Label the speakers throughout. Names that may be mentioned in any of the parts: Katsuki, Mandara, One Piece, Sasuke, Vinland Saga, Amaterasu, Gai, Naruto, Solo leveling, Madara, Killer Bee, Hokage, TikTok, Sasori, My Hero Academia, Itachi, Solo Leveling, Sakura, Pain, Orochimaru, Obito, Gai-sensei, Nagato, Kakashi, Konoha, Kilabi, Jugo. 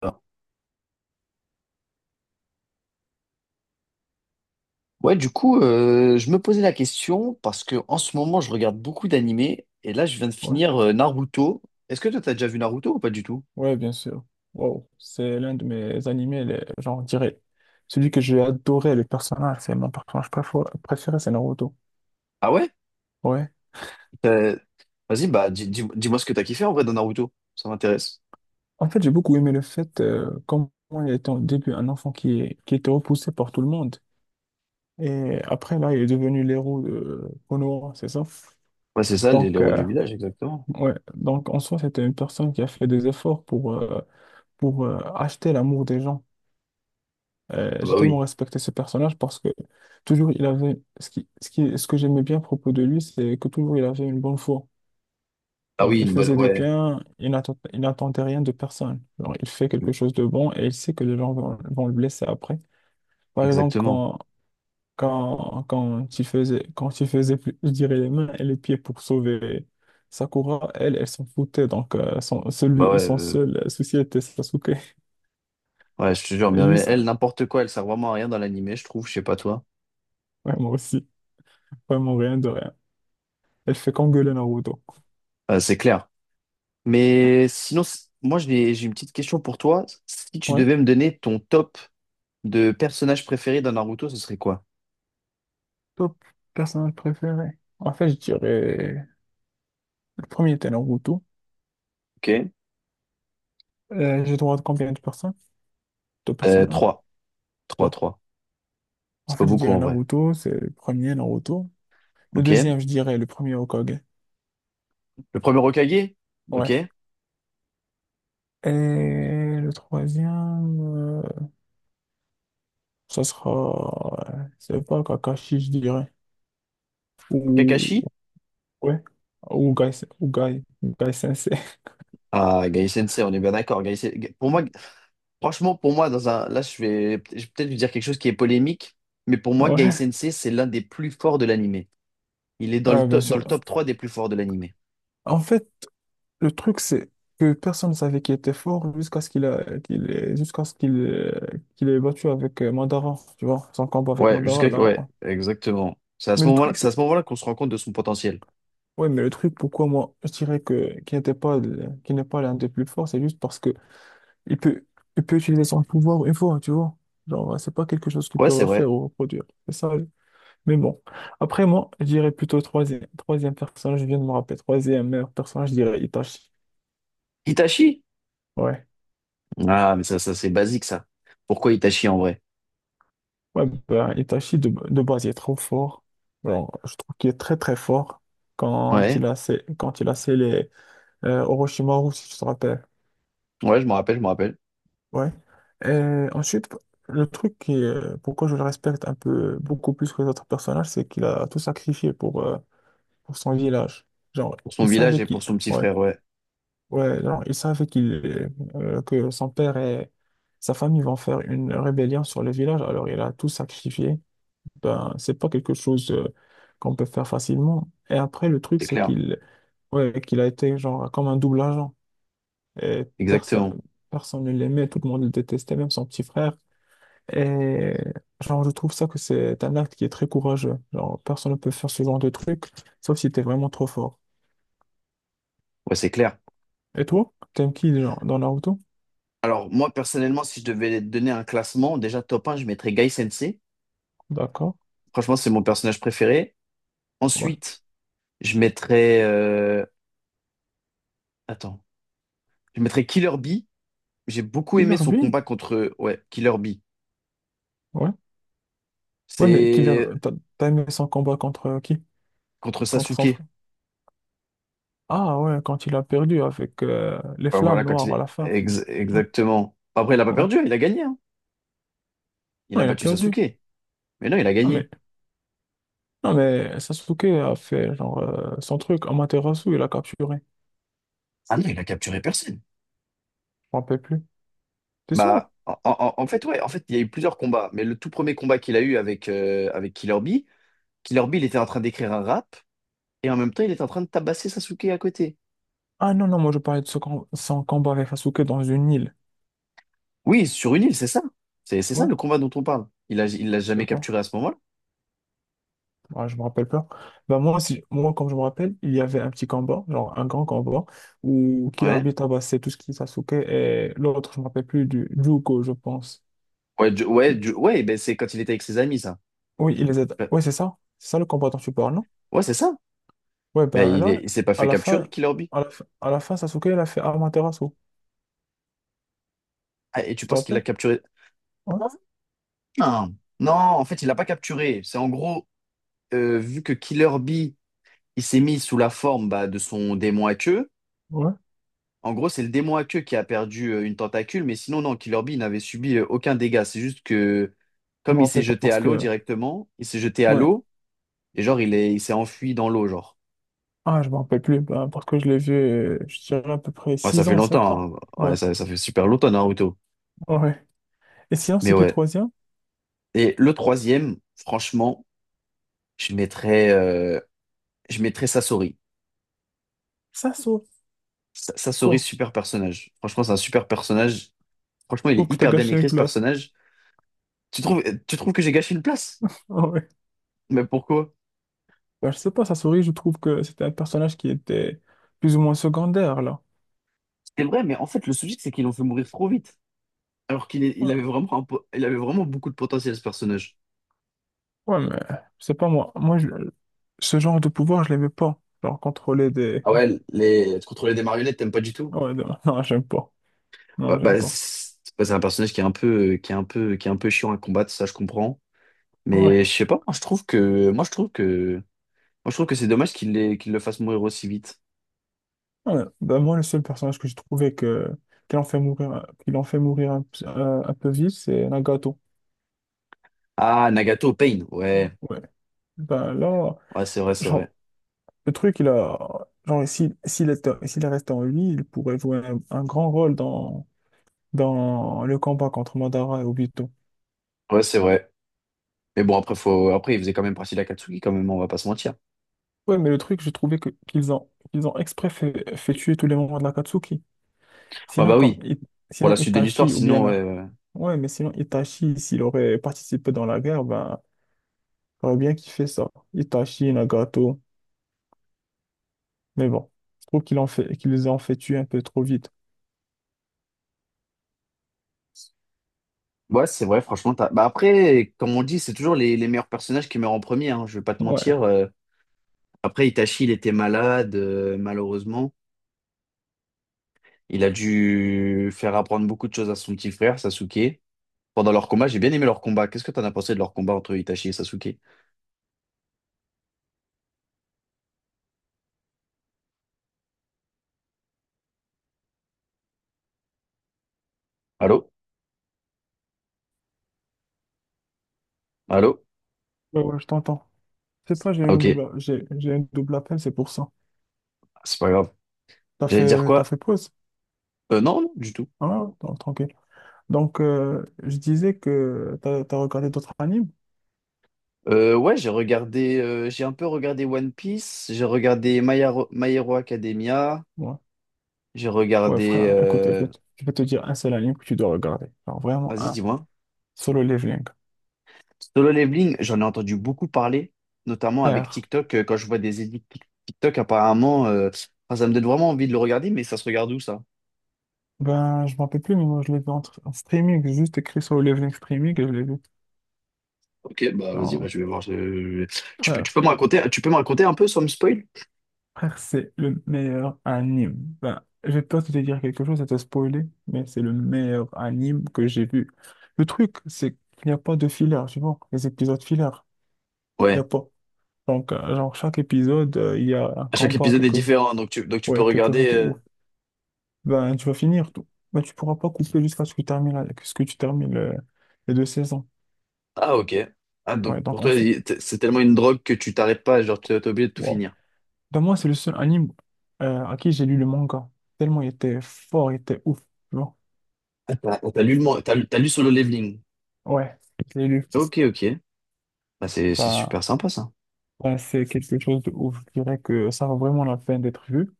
Speaker 1: Alors, je me posais la question parce que en ce moment, je regarde beaucoup d'animés et là, je viens de
Speaker 2: Ouais,
Speaker 1: finir Naruto. Est-ce que toi, t'as déjà vu Naruto ou pas du tout?
Speaker 2: ouais, bien sûr. Wow, c'est l'un de mes animés, genre, je dirais, celui que j'ai adoré, le personnage, c'est mon personnage préféré, c'est Naruto.
Speaker 1: Ah ouais?
Speaker 2: Ouais.
Speaker 1: T'as- Vas-y, bah, dis-moi ce que t'as kiffé en vrai dans Naruto. Ça m'intéresse.
Speaker 2: En fait, j'ai beaucoup aimé le fait, comment il était au début un enfant qui était repoussé par tout le monde. Et après, là, il est devenu l'héros de Konoha, c'est ça?
Speaker 1: Ouais, c'est ça,
Speaker 2: Donc,
Speaker 1: l'héros
Speaker 2: euh,
Speaker 1: du village, exactement.
Speaker 2: ouais, donc en soi, c'était une personne qui a fait des efforts pour acheter l'amour des gens.
Speaker 1: Ah
Speaker 2: J'ai
Speaker 1: bah
Speaker 2: tellement
Speaker 1: oui.
Speaker 2: respecté ce personnage parce que toujours il avait ce que j'aimais bien à propos de lui, c'est que toujours il avait une bonne foi.
Speaker 1: Ah
Speaker 2: Alors,
Speaker 1: oui,
Speaker 2: il
Speaker 1: une bonne...
Speaker 2: faisait de
Speaker 1: ouais,
Speaker 2: bien, il n'attendait rien de personne. Alors, il fait quelque chose de bon et il sait que les gens vont le blesser après. Par exemple,
Speaker 1: exactement.
Speaker 2: quand il faisait, je dirais, les mains et les pieds pour sauver Sakura, elle s'en foutait. Donc, euh, son,
Speaker 1: Bah
Speaker 2: celui- son seul souci était Sasuke.
Speaker 1: ouais, je te jure,
Speaker 2: Et
Speaker 1: mais
Speaker 2: lui, ça,
Speaker 1: elle, n'importe quoi, elle sert vraiment à rien dans l'animé, je trouve, je sais pas toi.
Speaker 2: vraiment aussi, vraiment rien de rien. Elle fait qu'engueuler Naruto.
Speaker 1: C'est clair. Mais sinon, moi, j'ai une petite question pour toi. Si tu
Speaker 2: Ouais,
Speaker 1: devais me donner ton top de personnage préféré dans Naruto, ce serait quoi?
Speaker 2: top personnage préféré. En fait, je dirais. Le premier était Naruto.
Speaker 1: Ok.
Speaker 2: J'ai droit à combien de personnes? Deux
Speaker 1: Euh,
Speaker 2: personnages?
Speaker 1: trois trois
Speaker 2: Trois.
Speaker 1: 3.
Speaker 2: En
Speaker 1: C'est pas
Speaker 2: fait, je
Speaker 1: beaucoup
Speaker 2: dirais
Speaker 1: en vrai.
Speaker 2: Naruto, c'est le premier Naruto. Le
Speaker 1: Ok.
Speaker 2: deuxième, je dirais le premier Hokage.
Speaker 1: Le premier Hokage? Ok.
Speaker 2: Ouais. Et le troisième, ça sera. Je sais pas, Kakashi, je dirais. Ou.
Speaker 1: Kakashi?
Speaker 2: Ouais. Ou Gai, ou Gai Sensei.
Speaker 1: Ah, Gai-sensei, on est bien d'accord. Pour moi, franchement, pour moi, dans un... là, je vais peut-être lui dire quelque chose qui est polémique, mais pour moi,
Speaker 2: Ouais.
Speaker 1: Gai-sensei, c'est l'un des plus forts de l'anime. Il est dans
Speaker 2: Ah, bien
Speaker 1: dans le
Speaker 2: sûr.
Speaker 1: top 3 des plus forts de l'anime.
Speaker 2: En fait. Le truc, c'est que personne ne savait qu'il était fort jusqu'à ce qu'il a, qu'il ait- jusqu'à ce qu'il qu'il ait battu avec Mandara, tu vois, son combat avec Mandara, là,
Speaker 1: Ouais,
Speaker 2: hein.
Speaker 1: exactement.
Speaker 2: Mais le truc,
Speaker 1: C'est à
Speaker 2: c'est,
Speaker 1: ce moment-là qu'on se rend compte de son potentiel.
Speaker 2: ouais, mais le truc, pourquoi moi, je dirais que, qu'il n'était pas, le- qu'il n'est pas l'un des plus forts, c'est juste parce que il peut, il peut utiliser son pouvoir une fois, tu vois. Genre, c'est pas quelque chose qu'il
Speaker 1: Ouais,
Speaker 2: peut
Speaker 1: c'est
Speaker 2: refaire
Speaker 1: vrai.
Speaker 2: ou reproduire. C'est ça. Mais bon. Après, moi, je dirais plutôt troisième personnage, je viens de me rappeler, troisième meilleur personnage, je dirais Itachi.
Speaker 1: Itachi?
Speaker 2: Ouais.
Speaker 1: Ah, c'est basique, ça. Pourquoi Itachi en vrai?
Speaker 2: Ouais, ben, Itachi, de base, il est trop fort. Genre, je trouve qu'il est très, très fort
Speaker 1: Ouais,
Speaker 2: quand il a scellé Orochimaru, si tu te rappelles.
Speaker 1: ouais, je me rappelle.
Speaker 2: Ouais. Et ensuite, le truc pourquoi je le respecte un peu beaucoup plus que les autres personnages, c'est qu'il a tout sacrifié pour son village. Genre,
Speaker 1: Pour son
Speaker 2: il
Speaker 1: village
Speaker 2: savait
Speaker 1: et pour
Speaker 2: qu'il.
Speaker 1: son petit
Speaker 2: Ouais.
Speaker 1: frère, ouais,
Speaker 2: Ouais, genre, il savait que son père et sa famille vont faire une rébellion sur le village, alors il a tout sacrifié. Ben, c'est pas quelque chose, qu'on peut faire facilement. Et après, le truc,
Speaker 1: c'est
Speaker 2: c'est
Speaker 1: clair.
Speaker 2: qu'il a été genre comme un double agent. Et personne,
Speaker 1: Exactement.
Speaker 2: personne ne l'aimait, tout le monde le détestait, même son petit frère. Et genre, je trouve ça que c'est un acte qui est très courageux. Genre, personne ne peut faire ce genre de truc, sauf si t'es vraiment trop fort.
Speaker 1: Ouais, c'est clair.
Speaker 2: Et toi, t'aimes qui genre, dans Naruto?
Speaker 1: Alors, moi, personnellement, si je devais donner un classement, déjà top un, je mettrais Guy Sensei.
Speaker 2: D'accord,
Speaker 1: Franchement, c'est mon personnage préféré.
Speaker 2: ouais.
Speaker 1: Ensuite, je mettrais. Attends. Je mettrais Killer Bee. J'ai beaucoup aimé
Speaker 2: Killer
Speaker 1: son
Speaker 2: Bee,
Speaker 1: combat contre. Ouais, Killer Bee.
Speaker 2: ouais. Ouais, mais Killer,
Speaker 1: C'est
Speaker 2: t'as aimé son combat contre qui?
Speaker 1: contre
Speaker 2: Contre son
Speaker 1: Sasuke.
Speaker 2: frère? Ah ouais, quand il a perdu avec les flammes
Speaker 1: Voilà, quand il
Speaker 2: noires à
Speaker 1: est.
Speaker 2: la fin.
Speaker 1: Ex-
Speaker 2: Ouais,
Speaker 1: exactement. Après, il a pas
Speaker 2: ouais.
Speaker 1: perdu, hein, il a gagné, hein. Il
Speaker 2: Non,
Speaker 1: a
Speaker 2: il a
Speaker 1: battu
Speaker 2: perdu.
Speaker 1: Sasuke. Mais non, il a
Speaker 2: Non, mais,
Speaker 1: gagné.
Speaker 2: non, mais Sasuke a fait genre son truc. Amaterasu, il a capturé. Je
Speaker 1: Ah non, il a capturé personne.
Speaker 2: m'en rappelle plus. T'es
Speaker 1: Bah,
Speaker 2: sûr?
Speaker 1: en fait, ouais, en fait, il y a eu plusieurs combats, mais le tout premier combat qu'il a eu avec, avec Killer Bee, il était en train d'écrire un rap, et en même temps, il était en train de tabasser Sasuke à côté.
Speaker 2: Ah non, non, moi je parlais de son combat avec Sasuke dans une île.
Speaker 1: Oui, sur une île, c'est ça. C'est ça
Speaker 2: Ouais,
Speaker 1: le combat dont on parle. Il l'a
Speaker 2: je sais
Speaker 1: jamais
Speaker 2: pas.
Speaker 1: capturé à ce moment-là.
Speaker 2: Ouais, je me rappelle pas. Bah moi, si, moi, comme je me rappelle, il y avait un petit combat, genre un grand combat, où
Speaker 1: Ouais.
Speaker 2: Kilabi tabassait tout ce qui est Sasuke et l'autre, je me rappelle plus, du Jugo, je pense.
Speaker 1: Ouais, ben c'est quand il était avec ses amis, ça.
Speaker 2: Oui, il les aide.
Speaker 1: Ben,
Speaker 2: Oui, c'est ça. C'est ça le combat dont tu parles, non?
Speaker 1: ouais, c'est ça.
Speaker 2: Ouais,
Speaker 1: Mais
Speaker 2: ben là,
Speaker 1: il s'est pas
Speaker 2: à
Speaker 1: fait
Speaker 2: la
Speaker 1: capturer,
Speaker 2: fin,
Speaker 1: Killer Bee.
Speaker 2: à la fin, à la fin, Sasuke, il a fait Amaterasu.
Speaker 1: Ah, et tu
Speaker 2: Tu te
Speaker 1: penses qu'il l'a
Speaker 2: rappelles?
Speaker 1: capturé?
Speaker 2: Ouais,
Speaker 1: Non. Non, en fait, il l'a pas capturé. C'est en gros, vu que Killer Bee, il s'est mis sous la forme bah, de son démon à queue.
Speaker 2: ouais.
Speaker 1: En gros, c'est le démon à queue qui a perdu une tentacule, mais sinon, non, Killer Bee il n'avait subi aucun dégât. C'est juste que,
Speaker 2: Je
Speaker 1: comme
Speaker 2: me
Speaker 1: il s'est
Speaker 2: rappelle pas
Speaker 1: jeté
Speaker 2: parce
Speaker 1: à l'eau
Speaker 2: que.
Speaker 1: directement, il s'est jeté à
Speaker 2: Ouais.
Speaker 1: l'eau, et genre, il s'est enfui dans l'eau, genre.
Speaker 2: Ah, je me rappelle plus. Ben, parce que je l'ai vu, je dirais à peu près
Speaker 1: Ouais, ça
Speaker 2: 6
Speaker 1: fait
Speaker 2: ans, 7 ans.
Speaker 1: longtemps, hein.
Speaker 2: Ouais,
Speaker 1: Ça fait super longtemps, Naruto.
Speaker 2: ouais. Et sinon,
Speaker 1: Mais
Speaker 2: c'est qui
Speaker 1: ouais.
Speaker 2: troisième?
Speaker 1: Et le troisième, franchement, je mettrais, euh, je mettrais Sasori.
Speaker 2: Sasuke.
Speaker 1: Sasori,
Speaker 2: Quoi?
Speaker 1: super personnage. Franchement, c'est un super personnage. Franchement,
Speaker 2: Je
Speaker 1: il
Speaker 2: trouve
Speaker 1: est
Speaker 2: que t'as
Speaker 1: hyper bien
Speaker 2: gâché une
Speaker 1: écrit, ce
Speaker 2: place.
Speaker 1: personnage. Tu trouves, tu trouves que j'ai gâché une place?
Speaker 2: Ah ouais.
Speaker 1: Mais pourquoi?
Speaker 2: Ben, je sais pas, Sasori, je trouve que c'était un personnage qui était plus ou moins secondaire, là.
Speaker 1: C'est vrai, mais en fait, le souci, c'est qu'ils l'ont fait mourir trop vite. Il avait
Speaker 2: Ouais,
Speaker 1: vraiment, il avait vraiment beaucoup de potentiel, ce personnage.
Speaker 2: ouais mais je sais pas, moi. Moi, ce genre de pouvoir, je l'aimais pas. Genre, contrôler des.
Speaker 1: Ah ouais, les... contrôler des marionnettes, t'aimes pas du tout?
Speaker 2: Ouais, non, non, j'aime pas.
Speaker 1: Ouais,
Speaker 2: Non, j'aime pas.
Speaker 1: bah, c'est un personnage qui est un peu, qui est un peu, qui est un peu chiant à combattre, ça je comprends. Mais
Speaker 2: Ouais.
Speaker 1: je sais pas, moi je trouve que c'est dommage qu'il le fasse mourir aussi vite.
Speaker 2: Ouais. Bah, moi, le seul personnage que j'ai trouvé qu'il en fait mourir un peu vite, c'est Nagato.
Speaker 1: Ah, Nagato, Pain,
Speaker 2: Ouais.
Speaker 1: ouais,
Speaker 2: Ouais. Bah, là,
Speaker 1: ouais,
Speaker 2: genre, le truc, il a. Genre, s'il est resté en vie, il pourrait jouer un grand rôle dans le combat contre Madara et Obito.
Speaker 1: ouais, c'est vrai. Mais bon, après, il faisait quand même partie de Katsuki quand même, on va pas se mentir.
Speaker 2: Ouais, mais le truc, j'ai trouvé qu'ils ont exprès fait tuer tous les membres de l'Akatsuki.
Speaker 1: Ah
Speaker 2: Sinon,
Speaker 1: bah
Speaker 2: comme,
Speaker 1: oui,
Speaker 2: I-
Speaker 1: pour la
Speaker 2: sinon
Speaker 1: suite de l'histoire,
Speaker 2: Itachi ou
Speaker 1: sinon, ouais,
Speaker 2: bien.
Speaker 1: ouais.
Speaker 2: Ouais, mais sinon, Itachi, s'il aurait participé dans la guerre, ben. J'aurais bien kiffé ça. Itachi, Nagato. Mais bon, je trouve qu'ils les ont fait tuer un peu trop vite.
Speaker 1: Ouais, c'est vrai, franchement. Bah après, comme on dit, c'est toujours les meilleurs personnages qui meurent en premier, hein, je vais pas te
Speaker 2: Ouais,
Speaker 1: mentir, euh. Après, Itachi, il était malade, malheureusement. Il a dû faire apprendre beaucoup de choses à son petit frère, Sasuke. Pendant leur combat, j'ai bien aimé leur combat. Qu'est-ce que t'en as pensé de leur combat entre Itachi et Sasuke? Allô? Allô?
Speaker 2: ouais, ouais, je t'entends. C'est pas, j'ai
Speaker 1: Ah,
Speaker 2: une
Speaker 1: ok,
Speaker 2: double, j'ai, j'ai une double appel, c'est pour ça.
Speaker 1: c'est pas grave.
Speaker 2: T'as
Speaker 1: J'allais dire
Speaker 2: fait, t'as
Speaker 1: quoi?
Speaker 2: fait pause?
Speaker 1: Non, non, du tout.
Speaker 2: Ah, non, tranquille. Donc, je disais que t'as regardé d'autres animes?
Speaker 1: Ouais, j'ai regardé, j'ai un peu regardé One Piece, j'ai regardé My Hero Academia,
Speaker 2: Ouais.
Speaker 1: j'ai
Speaker 2: Ouais,
Speaker 1: regardé...
Speaker 2: frère, écoute,
Speaker 1: euh,
Speaker 2: écoute. Je vais te dire un seul anime que tu dois regarder. Alors, vraiment
Speaker 1: vas-y,
Speaker 2: un.
Speaker 1: dis-moi.
Speaker 2: Solo Leveling.
Speaker 1: Solo Leveling, j'en ai entendu beaucoup parler, notamment avec
Speaker 2: Frère.
Speaker 1: TikTok. Quand je vois des édits TikTok, apparemment, enfin, ça me donne vraiment envie de le regarder, mais ça se regarde où ça?
Speaker 2: Ben, je m'en rappelle plus, mais moi, je l'ai vu en streaming. J'ai juste écrit Solo Leveling streaming et je l'ai vu.
Speaker 1: Ok, bah vas-y, bah,
Speaker 2: Non,
Speaker 1: je vais voir. Tu peux,
Speaker 2: frère.
Speaker 1: tu peux me raconter un peu sans me spoil?
Speaker 2: Frère, c'est le meilleur anime. Ben, j'ai peur de te dire quelque chose, ça te spoiler, mais c'est le meilleur anime que j'ai vu. Le truc, c'est qu'il n'y a pas de filler, tu vois, les épisodes filler, il n'y a
Speaker 1: Ouais.
Speaker 2: pas. Donc, genre, chaque épisode, il y a un
Speaker 1: À chaque
Speaker 2: combat,
Speaker 1: épisode est
Speaker 2: quelque,
Speaker 1: différent, donc tu peux
Speaker 2: ouais, quelque
Speaker 1: regarder.
Speaker 2: chose de ouf. Ben, tu vas finir tout. Ben, tu pourras pas couper jusqu'à ce que tu termines, que ce que tu termines les deux saisons.
Speaker 1: Ah ok. Ah, donc
Speaker 2: Ouais,
Speaker 1: pour
Speaker 2: donc en
Speaker 1: toi,
Speaker 2: soi,
Speaker 1: c'est tellement une drogue que tu t'arrêtes pas, genre t'es obligé de tout
Speaker 2: wow.
Speaker 1: finir.
Speaker 2: Ben, moi, c'est le seul anime à qui j'ai lu le manga. Tellement il était fort, il était ouf, tu vois.
Speaker 1: Ah, t'as lu t'as lu Solo Leveling.
Speaker 2: Ouais, je l'ai lu.
Speaker 1: Ok, ok. Bah, c'est
Speaker 2: Enfin,
Speaker 1: super sympa ça.
Speaker 2: enfin, c'est quelque chose de ouf. Je dirais que ça vaut vraiment la peine d'être vu.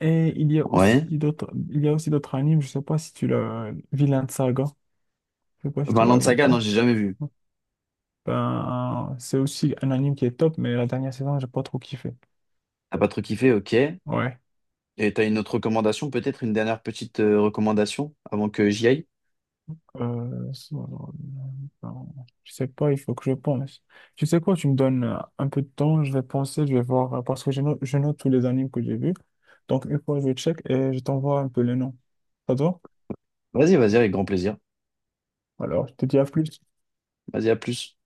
Speaker 2: Et il y a
Speaker 1: Ouais.
Speaker 2: aussi d'autres animes. Je sais pas si tu l'as, Vinland Saga. Je sais pas si tu l'as
Speaker 1: Vinland
Speaker 2: vu ou
Speaker 1: Saga, non,
Speaker 2: pas.
Speaker 1: j'ai jamais vu.
Speaker 2: Ben, c'est aussi un anime qui est top, mais la dernière saison, j'ai pas trop kiffé.
Speaker 1: T'as pas trop kiffé, ok.
Speaker 2: Ouais.
Speaker 1: Et t'as une autre recommandation, peut-être une dernière petite recommandation avant que j'y aille?
Speaker 2: Ça, alors, ben, je sais pas, il faut que je pense. Tu sais quoi, tu me donnes un peu de temps, je vais penser, je vais voir, parce que je note tous les animes que j'ai vus. Donc, une fois, je check et je t'envoie un peu les noms. Ça te va?
Speaker 1: Vas-y, vas-y, avec grand plaisir.
Speaker 2: Alors, je te dis à plus.
Speaker 1: Vas-y, à plus.